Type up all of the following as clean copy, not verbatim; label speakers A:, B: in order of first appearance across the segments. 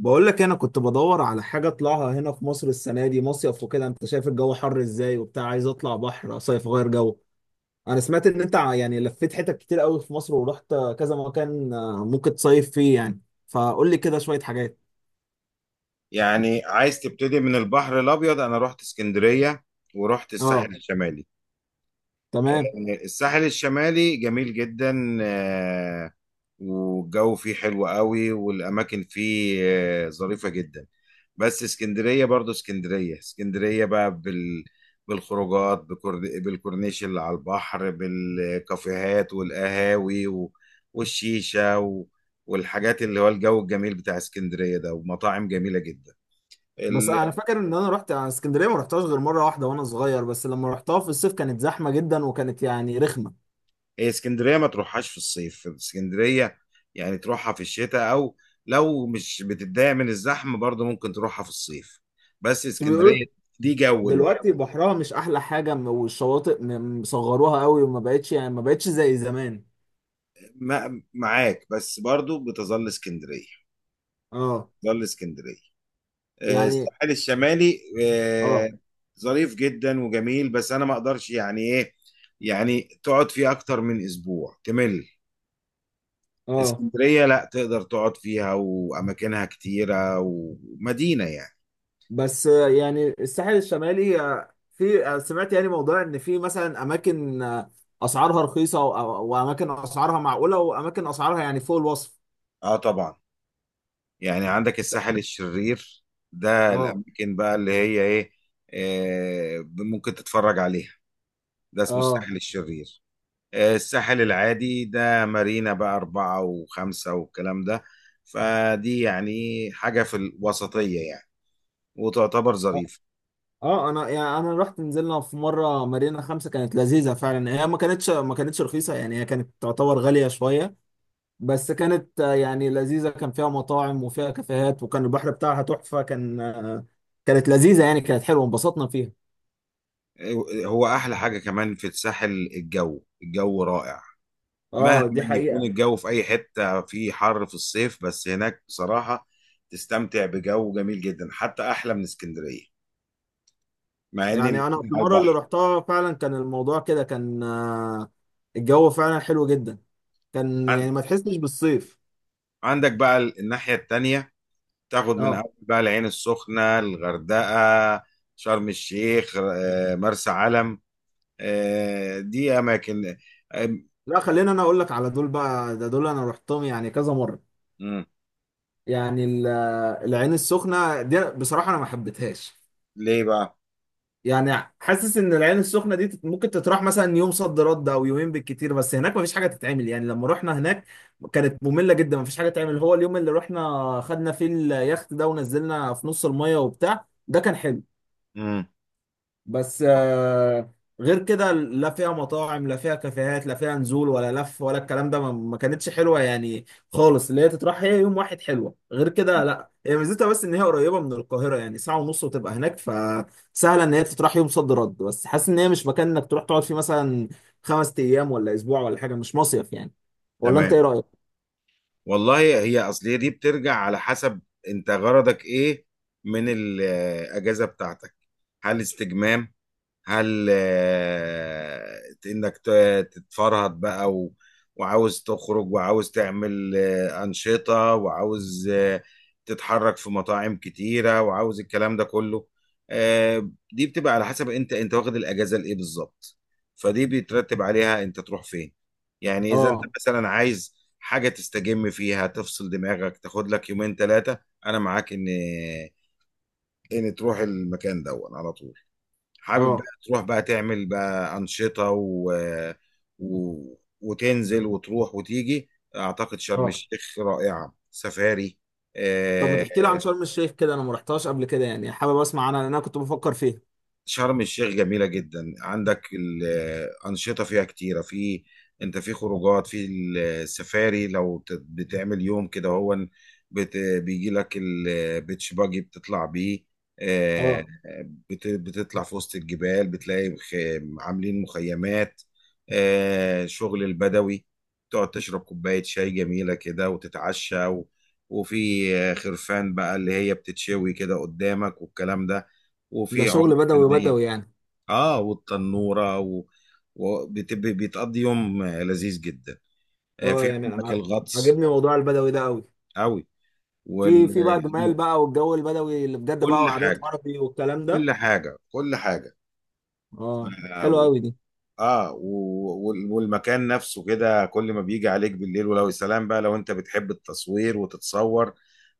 A: بقول لك انا كنت بدور على حاجه اطلعها هنا في مصر السنه دي مصيف وكده، انت شايف الجو حر ازاي وبتاع، عايز اطلع بحر صيف غير جو. انا سمعت ان انت لفيت حتت كتير قوي في مصر ورحت كذا مكان، ممكن تصيف فيه يعني. فقول لي كده شويه حاجات.
B: يعني عايز تبتدي من البحر الابيض. انا رحت اسكندريه ورحت
A: اه،
B: الساحل الشمالي.
A: تمام.
B: الساحل الشمالي جميل جدا، والجو فيه حلو قوي، والاماكن فيه ظريفه جدا. بس اسكندريه برضو اسكندريه بقى بالخروجات، بالكورنيش اللي على البحر، بالكافيهات والقهاوي والشيشه والحاجات، اللي هو الجو الجميل بتاع اسكندريه ده، ومطاعم جميله جدا.
A: بس انا فاكر ان انا رحت اسكندريه، ما رحتهاش غير مره واحده وانا صغير، بس لما رحتها في الصيف كانت زحمه جدا وكانت يعني رخمه.
B: هي اسكندريه ما تروحهاش في الصيف. اسكندريه يعني تروحها في الشتاء، او لو مش بتتضايق من الزحمه برضه ممكن تروحها في الصيف. بس
A: بس بيقولوا
B: اسكندريه دي جو
A: دلوقتي
B: لوحده.
A: بحرها مش احلى حاجه، والشواطئ مصغروها قوي وما بقتش يعني ما بقتش زي زمان.
B: معاك، بس برضه بتظل اسكندريه
A: اه،
B: بتظل اسكندريه
A: يعني
B: الساحل الشمالي
A: اه.
B: ظريف جدا وجميل، بس انا ما اقدرش يعني ايه، يعني تقعد فيه اكتر من اسبوع تمل.
A: اه،
B: اسكندريه لا تقدر تقعد فيها، واماكنها كتيره ومدينه يعني.
A: بس يعني الساحل الشمالي، في، سمعت يعني موضوع ان في مثلا اماكن، اسعارها رخيصه واماكن اسعارها معقوله واماكن اسعارها يعني فوق الوصف.
B: اه، طبعا، يعني عندك الساحل الشرير. ده
A: اه،
B: الأماكن بقى اللي هي إيه، ممكن تتفرج عليها. ده اسمه
A: اه.
B: الساحل الشرير. الساحل العادي ده مارينا بقى 4 و5 والكلام ده. فدي يعني حاجة في الوسطية يعني، وتعتبر
A: اه،
B: ظريفة.
A: انا يعني انا رحت، نزلنا في مره مارينا خمسة، كانت لذيذه فعلا. هي ما كانتش رخيصه يعني، هي كانت تعتبر غاليه شويه، بس كانت يعني لذيذه. كان فيها مطاعم وفيها كافيهات وكان البحر بتاعها تحفه، كان كانت لذيذه يعني، كانت حلوه، انبسطنا فيها.
B: هو أحلى حاجة كمان في الساحل، الجو رائع. مهما
A: اه، دي
B: يكون
A: حقيقة.
B: الجو في أي حتة في حر في الصيف، بس هناك بصراحة تستمتع بجو جميل جدا، حتى أحلى من اسكندرية، مع ان
A: يعني انا
B: الاتنين
A: في
B: على
A: المرة اللي
B: البحر.
A: رحتها فعلا كان الموضوع كده، كان الجو فعلا حلو جدا، كان
B: عن-
A: يعني ما تحسش بالصيف.
B: عندك بقى الناحية التانية، تاخد من
A: اه،
B: أول بقى العين السخنة، الغردقة، شرم الشيخ، مرسى علم. دي أماكن آه،
A: لا خلينا انا اقول لك على دول بقى، ده دول انا رحتهم يعني كذا مرة.
B: مم.
A: يعني العين السخنة دي بصراحة انا ما حبيتهاش.
B: ليه بقى؟
A: يعني حاسس ان العين السخنه دي ممكن تتراح مثلا يوم صد رد او يومين بالكتير، بس هناك مفيش حاجه تتعمل. يعني لما رحنا هناك كانت ممله جدا، مفيش حاجه تتعمل. هو اليوم اللي رحنا خدنا فيه اليخت ده ونزلنا في نص الميه وبتاع، ده كان حلو.
B: مم.
A: بس غير كده لا فيها مطاعم لا فيها كافيهات لا فيها نزول ولا لف ولا الكلام ده، ما كانتش حلوه يعني خالص. اللي هي تتراح هي يوم واحد حلوه، غير كده لا. هي ميزتها بس ان هي قريبه من القاهره، يعني ساعه ونص وتبقى هناك، فسهله ان هي تتراح يوم صد رد، بس حاسس ان هي مش مكان انك تروح تقعد فيه مثلا خمس ايام ولا اسبوع ولا حاجه، مش مصيف يعني. ولا انت
B: تمام.
A: ايه رايك؟
B: والله هي أصلية دي بترجع على حسب. أنت غرضك إيه من الأجازة بتاعتك؟ هل استجمام، هل انك تتفرهد بقى وعاوز تخرج، وعاوز تعمل أنشطة، وعاوز تتحرك في مطاعم كتيرة، وعاوز الكلام ده كله؟ دي بتبقى على حسب انت واخد الأجازة لإيه بالظبط. فدي بيترتب عليها انت تروح فين. يعني اذا انت
A: اه،
B: مثلا عايز حاجة تستجم فيها، تفصل دماغك، تاخد لك يومين ثلاثة، انا معاك ان تروح المكان ده على طول. حابب بقى
A: اه،
B: تروح بقى تعمل بقى أنشطة و... وتنزل وتروح وتيجي. أعتقد شرم
A: اه.
B: الشيخ رائعة، سفاري.
A: طب ما
B: آه،
A: تحكي لي عن شرم الشيخ كده، انا ما رحتهاش قبل كده، يعني حابب اسمع عنها لان انا كنت بفكر فيها.
B: شرم الشيخ جميلة جدا. عندك الأنشطة فيها كتيرة. في أنت في خروجات، في السفاري، لو بتعمل يوم كده، هو بيجي لك البيتش باجي بتطلع بيه. آه،
A: اه،
B: بتطلع في وسط الجبال، بتلاقي عاملين مخيمات، شغل البدوي. تقعد تشرب كوباية شاي جميلة كده وتتعشى، وفي خرفان بقى اللي هي بتتشوي كده قدامك والكلام ده،
A: ده
B: وفي
A: شغل
B: عروض
A: بدوي
B: فنية.
A: بدوي يعني.
B: اه، والتنورة، وبيتقضي يوم لذيذ جدا.
A: اه،
B: في
A: يعني
B: عندك الغطس.
A: عاجبني موضوع البدوي ده قوي.
B: قوي وال...
A: في في بقى جمال بقى، والجو البدوي اللي بجد بقى،
B: كل
A: وعادات
B: حاجة،
A: عربي والكلام ده.
B: كل حاجة، كل حاجة.
A: اه،
B: اه
A: حلو قوي دي.
B: والمكان نفسه كده، كل ما بيجي عليك بالليل، ولو يا سلام بقى لو انت بتحب التصوير وتتصور،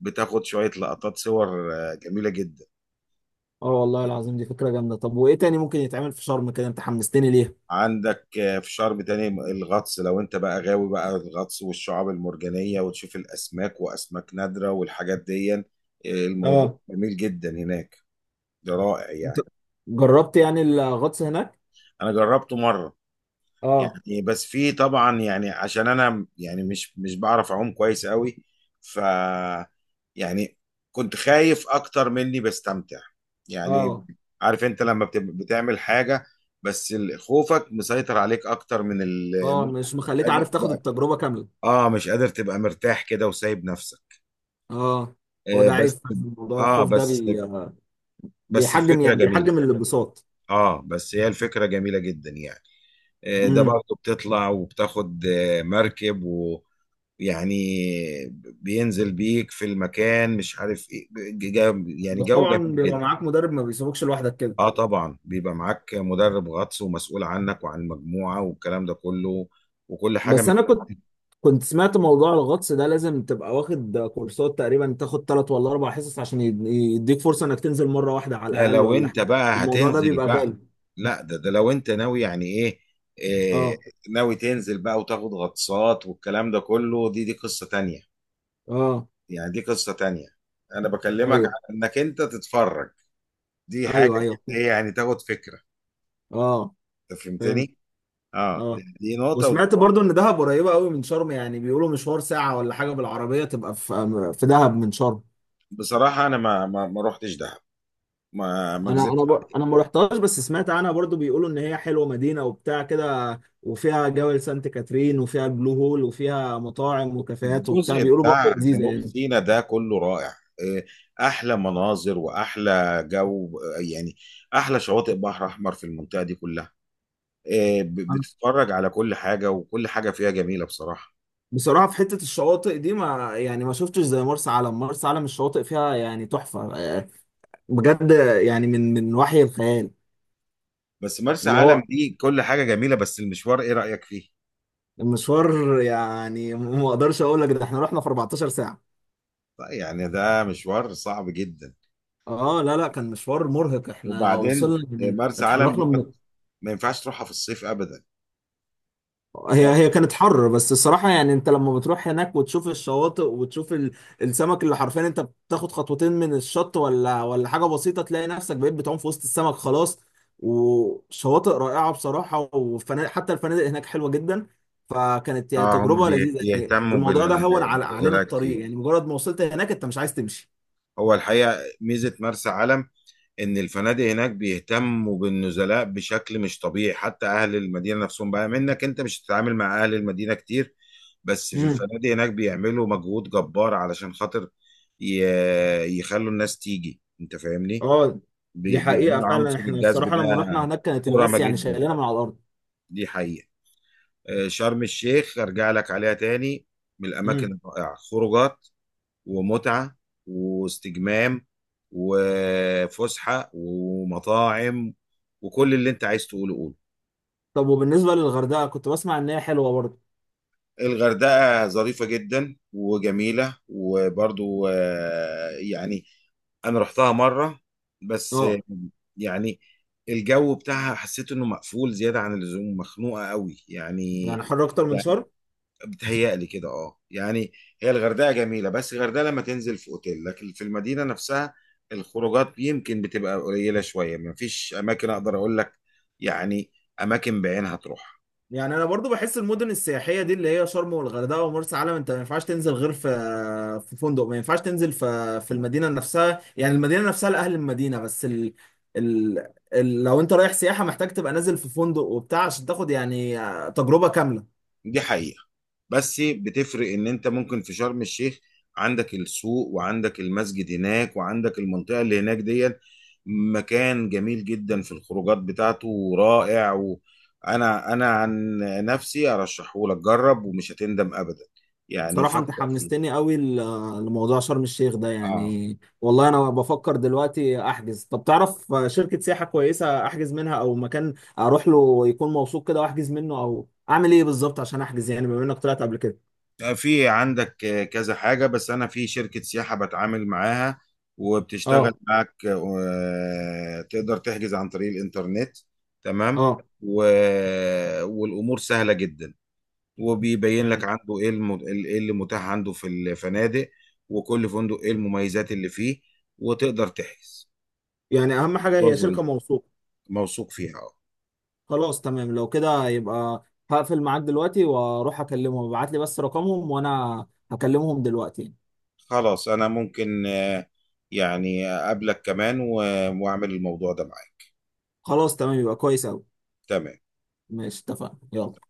B: بتاخد شوية لقطات صور جميلة جدا.
A: اه، والله العظيم دي فكرة جامدة. طب وايه تاني ممكن يتعمل في شرم كده؟ انت حمستني ليها.
B: عندك في شرم تاني الغطس، لو انت بقى غاوي بقى الغطس والشعاب المرجانية، وتشوف الأسماك وأسماك نادرة والحاجات دي. الموضوع
A: اه،
B: جميل جدا هناك، ده رائع
A: انت
B: يعني.
A: جربت يعني الغطس هناك؟
B: أنا جربته مرة
A: اه،
B: يعني، بس في طبعا يعني عشان أنا يعني مش بعرف أعوم كويس قوي. ف يعني كنت خايف أكتر مني بستمتع يعني.
A: اه.
B: عارف انت لما بتعمل حاجة، بس خوفك مسيطر عليك أكتر من
A: اه،
B: المتعة،
A: مش
B: مش
A: مخليك عارف
B: قادر.
A: تاخد التجربة كاملة.
B: اه، مش قادر تبقى مرتاح كده وسايب نفسك.
A: اه، هو
B: آه،
A: ده
B: بس.
A: عيب في موضوع
B: اه
A: الخوف ده
B: بس بس
A: بيحجم
B: الفكرة
A: يعني
B: جميلة.
A: بيحجم الانبساط.
B: اه، بس هي الفكرة جميلة جدا يعني. آه، ده
A: امم
B: برضه بتطلع وبتاخد مركب ويعني بينزل بيك في المكان، مش عارف ايه، يعني
A: بس
B: جو
A: طبعا
B: جميل
A: بيبقى
B: جدا.
A: معاك مدرب، ما بيسيبوكش لوحدك كده.
B: اه طبعا بيبقى معاك مدرب غطس ومسؤول عنك وعن المجموعة والكلام ده كله، وكل حاجة.
A: بس انا كنت سمعت موضوع الغطس ده، لازم تبقى واخد كورسات تقريبا، تاخد ثلاث ولا اربع حصص عشان يديك فرصة انك تنزل مرة واحدة على
B: ده
A: الاقل
B: لو
A: ولا
B: انت
A: حاجة.
B: بقى
A: الموضوع ده
B: هتنزل
A: بيبقى غالي.
B: بقى. لا، ده لو انت ناوي يعني ايه، إيه،
A: اه،
B: ناوي تنزل بقى وتاخد غطسات والكلام ده كله، دي قصة تانية.
A: اه.
B: يعني دي قصة تانية، انا بكلمك عن
A: ايوه
B: انك انت تتفرج، دي حاجة
A: ايوه ايوه
B: ايه يعني، تاخد فكرة.
A: اه،
B: انت
A: فهمت.
B: فهمتني. اه، دي,
A: اه،
B: دي نقطة ودي.
A: وسمعت برضو ان دهب قريبة قوي من شرم، يعني بيقولوا مشوار ساعة ولا حاجة بالعربية تبقى في دهب من شرم.
B: بصراحة انا ما رحتش دهب، ما
A: انا
B: اكذبش.
A: انا بر... انا ما رحتهاش، بس سمعت عنها برضو، بيقولوا ان هي حلوه مدينه وبتاع كده، وفيها جبل سانت كاترين وفيها البلو هول وفيها مطاعم وكافيهات وبتاع،
B: الجزء
A: بيقولوا برضو
B: بتاع
A: لذيذه
B: جنوب
A: يعني.
B: سيناء ده كله رائع، إيه، احلى مناظر واحلى جو، يعني احلى شواطئ بحر احمر في المنطقه دي كلها.
A: أنا
B: بتتفرج على كل حاجه، وكل حاجه فيها جميله بصراحه.
A: بصراحه في حته الشواطئ دي، ما يعني ما شفتش زي مرسى علم. مرسى علم الشواطئ فيها يعني تحفه، بجد، يعني من وحي الخيال.
B: بس مرسى
A: اللي
B: علم
A: هو
B: دي كل حاجه جميله، بس المشوار ايه رايك فيه؟
A: المشوار يعني ما اقدرش اقول لك، ده احنا رحنا في 14 ساعه.
B: طيب يعني ده مشوار صعب جدا.
A: اه، لا كان مشوار مرهق، احنا
B: وبعدين
A: وصلنا يعني
B: مرسى علم
A: اتحركنا
B: دي ما
A: من.
B: ما ينفعش تروحها في الصيف ابدا.
A: هي كانت حر، بس الصراحة يعني انت لما بتروح هناك وتشوف الشواطئ وتشوف السمك، اللي حرفيا انت بتاخد خطوتين من الشط ولا حاجة بسيطة تلاقي نفسك بقيت بتعوم في وسط السمك، خلاص. وشواطئ رائعة بصراحة، وفنادق، حتى الفنادق هناك حلوة جدا. فكانت يعني
B: اه، هم
A: تجربة لذيذة، يعني
B: بيهتموا
A: الموضوع ده علينا
B: بالنزلات كتير.
A: الطريق، يعني مجرد ما وصلت هناك انت مش عايز تمشي.
B: هو الحقيقه ميزه مرسى علم ان الفنادق هناك بيهتموا بالنزلاء بشكل مش طبيعي، حتى اهل المدينه نفسهم بقى، منك انت مش هتتعامل مع اهل المدينه كتير، بس في
A: امم.
B: الفنادق هناك بيعملوا مجهود جبار علشان خاطر يخلوا الناس تيجي. انت فاهمني،
A: اه، دي حقيقة.
B: بيعملوا
A: فعلا
B: عنصر
A: احنا
B: الجذب
A: الصراحة
B: ده.
A: لما رحنا هناك كانت
B: كرمه
A: الناس يعني
B: جدا،
A: شايلانا من على الأرض.
B: دي حقيقه. شرم الشيخ ارجع لك عليها تاني، من الاماكن
A: امم.
B: الرائعه، خروجات، ومتعة، واستجمام، وفسحة، ومطاعم، وكل اللي انت عايز تقوله قوله.
A: طب وبالنسبة للغردقة، كنت بسمع إن هي حلوة برضه.
B: الغردقة ظريفة جدا وجميلة وبرضو، يعني انا رحتها مرة، بس
A: اه،
B: يعني الجو بتاعها حسيت انه مقفول زيادة عن اللزوم، مخنوقة قوي يعني.
A: يعني حر اكتر من شرم؟
B: بتهيألي كده، اه يعني. هي الغردقه جميله، بس الغردقه لما تنزل في اوتيل، لكن في المدينه نفسها الخروجات يمكن بتبقى قليله شويه، ما فيش اماكن اقدر اقول لك يعني اماكن بعينها تروح.
A: يعني انا برضو بحس المدن السياحيه دي اللي هي شرم والغردقه ومرسى علم، انت ما ينفعش تنزل غير في فندق. ما ينفعش تنزل في المدينه نفسها، يعني المدينه نفسها لاهل المدينه، بس ال... لو انت رايح سياحه محتاج تبقى نازل في فندق وبتاع عشان تاخد يعني تجربه كامله.
B: دي حقيقة، بس بتفرق ان انت ممكن في شرم الشيخ عندك السوق، وعندك المسجد هناك، وعندك المنطقة اللي هناك دي. مكان جميل جدا في الخروجات بتاعته ورائع، وانا انا عن نفسي ارشحه لك، جرب ومش هتندم ابدا، يعني
A: صراحة انت
B: فكر فيه.
A: حمستني قوي لموضوع شرم الشيخ ده،
B: اه،
A: يعني والله انا بفكر دلوقتي احجز. طب تعرف شركة سياحة كويسة احجز منها، او مكان اروح له يكون موثوق كده واحجز منه، او اعمل ايه بالظبط عشان احجز يعني، بما انك طلعت قبل كده.
B: في عندك كذا حاجة، بس أنا في شركة سياحة بتعامل معاها وبتشتغل
A: اه،
B: معك، تقدر تحجز عن طريق الإنترنت. تمام،
A: اه،
B: و... والأمور سهلة جدا، وبيبين لك
A: يعني
B: عنده إيه إيه اللي متاح عنده في الفنادق، وكل فندق إيه المميزات اللي فيه، وتقدر تحجز.
A: يعني اهم حاجة
B: موضوع
A: هي
B: ظريف،
A: شركة موثوقة.
B: موثوق فيها أه.
A: خلاص تمام، لو كده يبقى هقفل معاك دلوقتي واروح اكلمهم. ابعت لي بس رقمهم وانا هكلمهم دلوقتي.
B: خلاص، أنا ممكن يعني أقابلك كمان وأعمل الموضوع ده معاك.
A: خلاص تمام، يبقى كويس قوي.
B: تمام.
A: ماشي، اتفقنا، يلا.